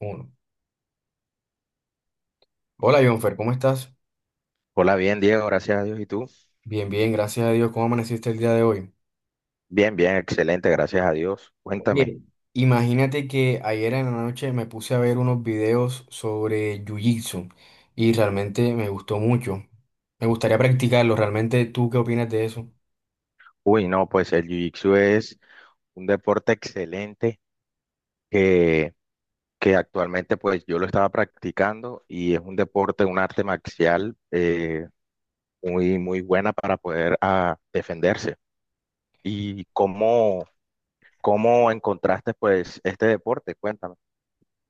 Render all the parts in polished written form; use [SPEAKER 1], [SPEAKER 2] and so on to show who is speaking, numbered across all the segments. [SPEAKER 1] Uno. Hola, Jonfer, ¿cómo estás?
[SPEAKER 2] Hola, bien, Diego, gracias a Dios. ¿Y tú?
[SPEAKER 1] Bien, bien, gracias a Dios. ¿Cómo amaneciste el día de hoy?
[SPEAKER 2] Bien, bien, excelente, gracias a Dios. Cuéntame.
[SPEAKER 1] Oye, imagínate que ayer en la noche me puse a ver unos videos sobre Jiu-Jitsu y realmente me gustó mucho. Me gustaría practicarlo. ¿Realmente tú qué opinas de eso?
[SPEAKER 2] Uy, no, pues el Jiu-Jitsu es un deporte excelente que, que actualmente pues yo lo estaba practicando y es un deporte, un arte marcial muy, muy buena para poder defenderse. ¿Y cómo encontraste pues este deporte? Cuéntame.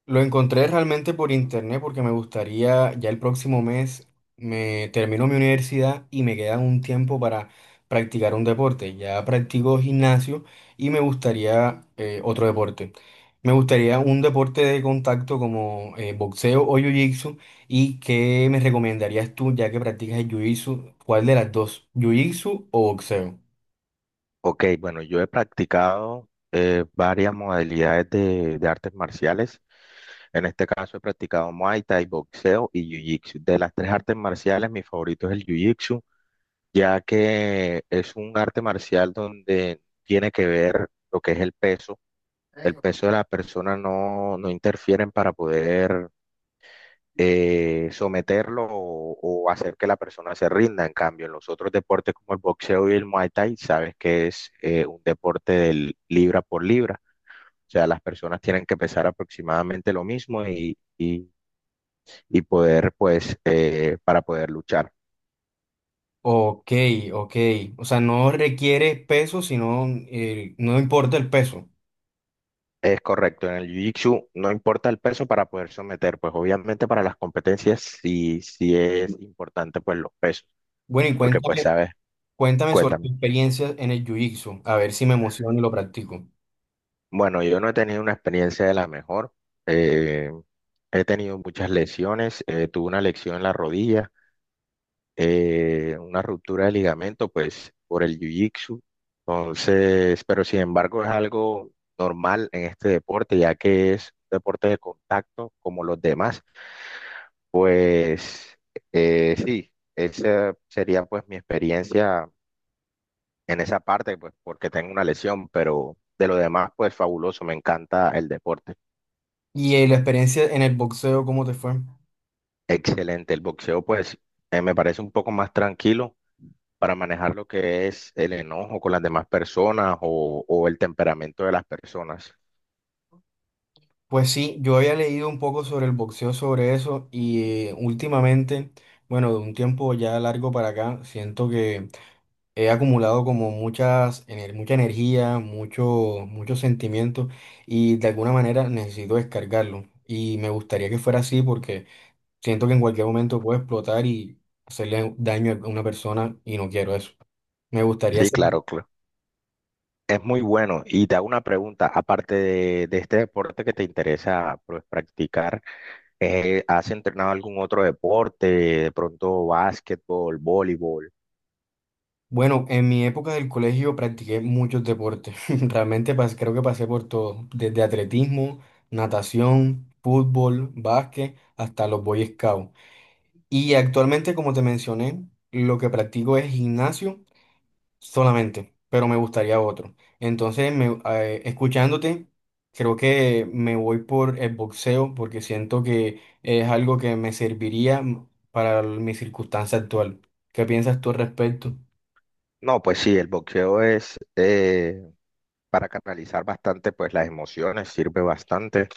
[SPEAKER 1] Lo encontré realmente por internet porque me gustaría, ya el próximo mes me termino mi universidad y me queda un tiempo para practicar un deporte. Ya practico gimnasio y me gustaría otro deporte. Me gustaría un deporte de contacto como boxeo o jiu-jitsu. ¿Y qué me recomendarías tú ya que practicas el jiu-jitsu? ¿Cuál de las dos? ¿Jiu-jitsu o boxeo?
[SPEAKER 2] Ok, bueno, yo he practicado varias modalidades de artes marciales. En este caso he practicado Muay Thai, boxeo y Jiu-Jitsu. De las tres artes marciales, mi favorito es el Jiu-Jitsu, ya que es un arte marcial donde tiene que ver lo que es el peso. El peso de la persona no, no interfieren para poder someterlo o hacer que la persona se rinda. En cambio, en los otros deportes como el boxeo y el Muay Thai, sabes que es un deporte del libra por libra. O sea, las personas tienen que pesar aproximadamente lo mismo y poder, pues, para poder luchar.
[SPEAKER 1] Ok, ok. O sea, no requiere peso, sino no importa el peso.
[SPEAKER 2] Es correcto, en el Jiu-Jitsu no importa el peso para poder someter, pues obviamente para las competencias sí, sí es importante pues los pesos,
[SPEAKER 1] Bueno, y
[SPEAKER 2] porque pues
[SPEAKER 1] cuéntame,
[SPEAKER 2] sabes,
[SPEAKER 1] cuéntame sobre tu
[SPEAKER 2] cuéntame.
[SPEAKER 1] experiencia en el jiu-jitsu, a ver si me emociono y lo practico.
[SPEAKER 2] Bueno, yo no he tenido una experiencia de la mejor, eh, he tenido muchas lesiones, tuve una lesión en la rodilla, una ruptura de ligamento, pues por el jiu-jitsu. Entonces, pero sin embargo es algo normal en este deporte, ya que es un deporte de contacto como los demás. Pues sí, esa sería pues mi experiencia en esa parte, pues porque tengo una lesión, pero de lo demás, pues fabuloso, me encanta el deporte.
[SPEAKER 1] Y la experiencia en el boxeo, ¿cómo te fue?
[SPEAKER 2] Excelente, el boxeo pues me parece un poco más tranquilo para manejar lo que es el enojo con las demás personas o el temperamento de las personas.
[SPEAKER 1] Pues sí, yo había leído un poco sobre el boxeo, sobre eso, y últimamente, bueno, de un tiempo ya largo para acá, siento que he acumulado como muchas, mucha energía, mucho, muchos sentimientos, y de alguna manera necesito descargarlo. Y me gustaría que fuera así porque... Siento que en cualquier momento puedo explotar y hacerle daño a una persona y no quiero eso. Me gustaría
[SPEAKER 2] Sí,
[SPEAKER 1] ser...
[SPEAKER 2] claro, claro. Es muy bueno. Y te hago una pregunta, aparte de este deporte que te interesa pues, practicar, ¿has entrenado algún otro deporte? De pronto básquetbol, voleibol.
[SPEAKER 1] Bueno, en mi época del colegio practiqué muchos deportes. Realmente creo que pasé por todo. Desde atletismo, natación, fútbol, básquet, hasta los Boy Scouts. Y actualmente, como te mencioné, lo que practico es gimnasio solamente, pero me gustaría otro. Entonces, escuchándote, creo que me voy por el boxeo porque siento que es algo que me serviría para mi circunstancia actual. ¿Qué piensas tú al respecto?
[SPEAKER 2] No, pues sí, el boxeo es para canalizar bastante pues las emociones, sirve bastante.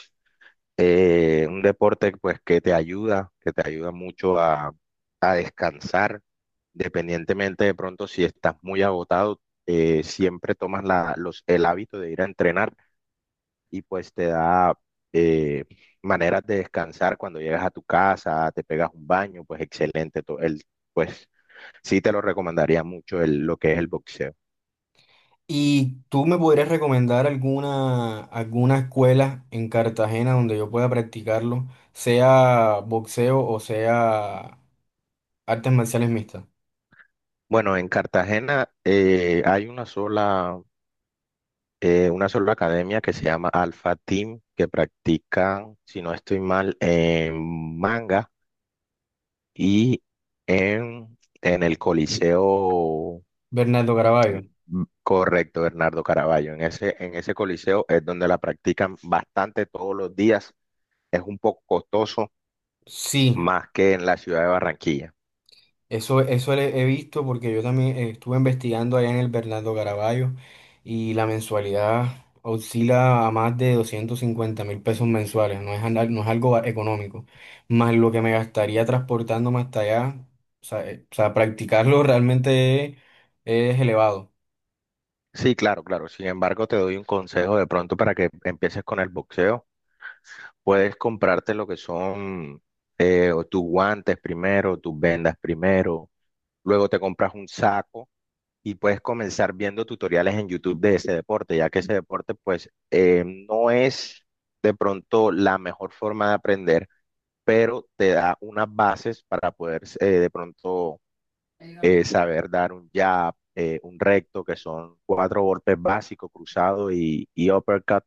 [SPEAKER 2] Un deporte pues que te ayuda mucho a descansar, independientemente de pronto si estás muy agotado, siempre tomas el hábito de ir a entrenar y pues te da eh, maneras de descansar cuando llegas a tu casa, te pegas un baño, pues excelente, pues sí te lo recomendaría mucho lo que es el boxeo.
[SPEAKER 1] ¿Y tú me podrías recomendar alguna, alguna escuela en Cartagena donde yo pueda practicarlo, sea boxeo o sea artes marciales mixtas?
[SPEAKER 2] Bueno, en Cartagena hay una sola academia que se llama Alpha Team, que practican, si no estoy mal, en manga y en el Coliseo,
[SPEAKER 1] Bernardo Caraballo.
[SPEAKER 2] mm, correcto, Bernardo Caraballo. En ese coliseo es donde la practican bastante todos los días. Es un poco costoso
[SPEAKER 1] Sí.
[SPEAKER 2] más que en la ciudad de Barranquilla.
[SPEAKER 1] Eso, he visto porque yo también estuve investigando allá en el Bernardo Caraballo y la mensualidad oscila a más de 250.000 pesos mensuales, no es, no es algo económico, más lo que me gastaría transportándome hasta allá, o sea, practicarlo realmente es elevado.
[SPEAKER 2] Sí, claro, claro. Sin embargo, te doy un consejo de pronto para que empieces con el boxeo. Puedes comprarte lo que son o tus guantes primero, tus vendas primero, luego te compras un saco y puedes comenzar viendo tutoriales en YouTube de ese deporte, ya que ese deporte pues no es de pronto la mejor forma de aprender, pero te da unas bases para poder de pronto saber dar un jab, un recto, que son cuatro golpes básicos, cruzado y uppercut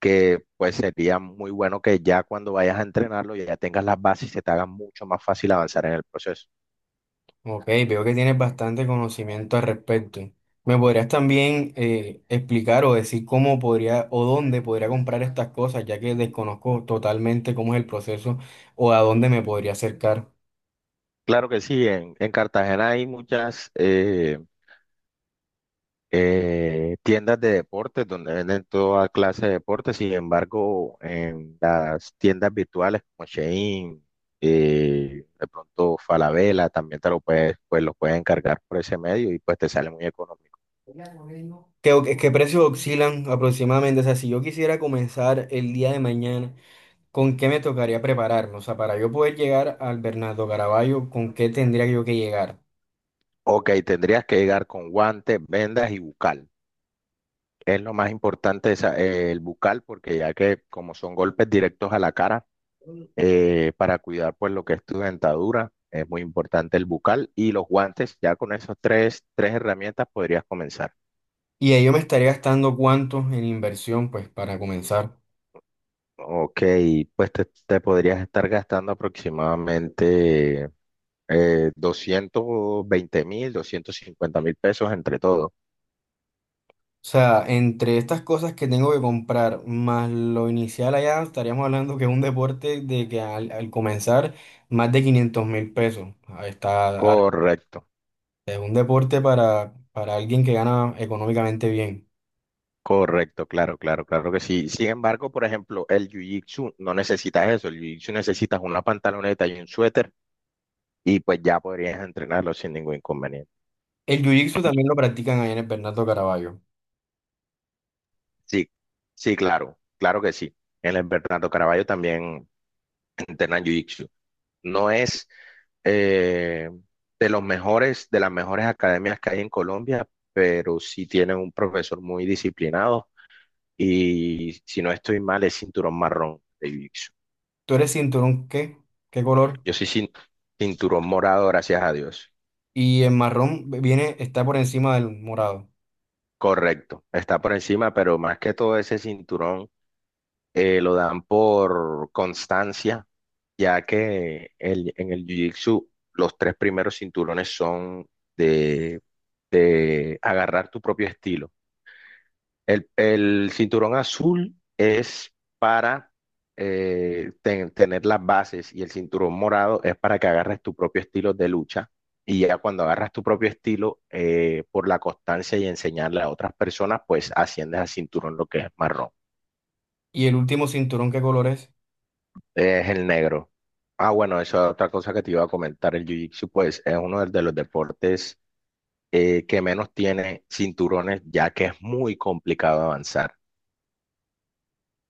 [SPEAKER 2] que pues sería muy bueno que ya cuando vayas a entrenarlo ya tengas las bases y se te haga mucho más fácil avanzar en el proceso.
[SPEAKER 1] Ok, veo que tienes bastante conocimiento al respecto. ¿Me podrías también explicar o decir cómo podría o dónde podría comprar estas cosas, ya que desconozco totalmente cómo es el proceso o a dónde me podría acercar?
[SPEAKER 2] Claro que sí, en Cartagena hay muchas tiendas de deportes donde venden toda clase de deportes, sin embargo, en las tiendas virtuales como Shein, de pronto Falabella, también te lo puedes, pues lo puedes encargar por ese medio y pues te sale muy económico.
[SPEAKER 1] ¿Qué, qué precios oscilan aproximadamente? O sea, si yo quisiera comenzar el día de mañana, ¿con qué me tocaría prepararme? O sea, para yo poder llegar al Bernardo Caraballo, ¿con qué tendría yo que llegar?
[SPEAKER 2] Ok, tendrías que llegar con guantes, vendas y bucal. Es lo más importante el bucal, porque ya que como son golpes directos a la cara, para cuidar pues lo que es tu dentadura, es muy importante el bucal y los guantes, ya con esas tres herramientas podrías comenzar.
[SPEAKER 1] Y ahí yo me estaría gastando cuánto en inversión, pues, para comenzar.
[SPEAKER 2] Ok, pues te podrías estar gastando aproximadamente 220.000, 250.000 pesos entre todo.
[SPEAKER 1] O sea, entre estas cosas que tengo que comprar, más lo inicial allá, estaríamos hablando que es un deporte de que al, al comenzar, más de 500.000 pesos. Ahí está, ah,
[SPEAKER 2] Correcto.
[SPEAKER 1] es un deporte para alguien que gana económicamente bien.
[SPEAKER 2] Correcto, claro, claro, claro que sí. Sin embargo, por ejemplo, el jiu-jitsu no necesitas eso. El jiu-jitsu necesitas una pantaloneta y un suéter y pues ya podrías entrenarlo sin ningún inconveniente.
[SPEAKER 1] El jiu-jitsu también lo practican allá en el Bernardo Caraballo.
[SPEAKER 2] Sí, sí, claro, claro que sí. En el Bernardo Caraballo también entrenan jiu-jitsu. No es eh, de las mejores academias que hay en Colombia, pero sí tienen un profesor muy disciplinado y si no estoy mal es cinturón marrón de jiu.
[SPEAKER 1] ¿Tú eres cinturón qué? ¿Qué color?
[SPEAKER 2] Yo soy cin- cinturón morado, gracias a Dios.
[SPEAKER 1] Y el marrón viene, está por encima del morado.
[SPEAKER 2] Correcto, está por encima, pero más que todo ese cinturón lo dan por constancia, ya que en el Jiu-Jitsu los tres primeros cinturones son de, de agarrar tu propio estilo. El cinturón azul es para tener las bases y el cinturón morado es para que agarres tu propio estilo de lucha. Y ya cuando agarras tu propio estilo, por la constancia y enseñarle a otras personas, pues asciendes al cinturón lo que es marrón.
[SPEAKER 1] ¿Y el último cinturón qué color es?
[SPEAKER 2] Es el negro. Ah, bueno, eso es otra cosa que te iba a comentar. El Jiu-Jitsu, pues, es uno de los deportes que menos tiene cinturones, ya que es muy complicado avanzar.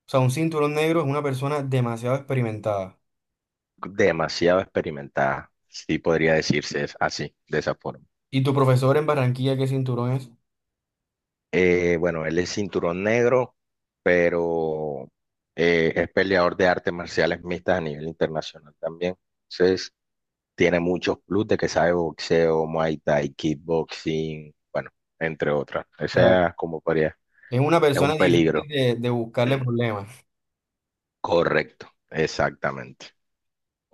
[SPEAKER 1] O sea, un cinturón negro es una persona demasiado experimentada.
[SPEAKER 2] Demasiado experimentada, sí podría decirse es así, de esa forma.
[SPEAKER 1] ¿Y tu profesor en Barranquilla qué cinturón es?
[SPEAKER 2] Bueno, él es cinturón negro, pero es peleador de artes marciales mixtas a nivel internacional también. Entonces, tiene muchos plus de que sabe boxeo, Muay Thai, kickboxing, bueno, entre otras. Esa es como podría,
[SPEAKER 1] Es una
[SPEAKER 2] es un
[SPEAKER 1] persona difícil
[SPEAKER 2] peligro.
[SPEAKER 1] de buscarle problemas.
[SPEAKER 2] Correcto, exactamente.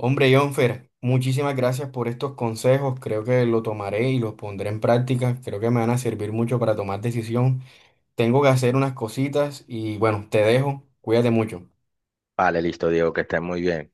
[SPEAKER 1] Hombre, Jonfer, muchísimas gracias por estos consejos. Creo que lo tomaré y los pondré en práctica. Creo que me van a servir mucho para tomar decisión. Tengo que hacer unas cositas y bueno, te dejo. Cuídate mucho.
[SPEAKER 2] Vale, listo, Diego, que estés muy bien.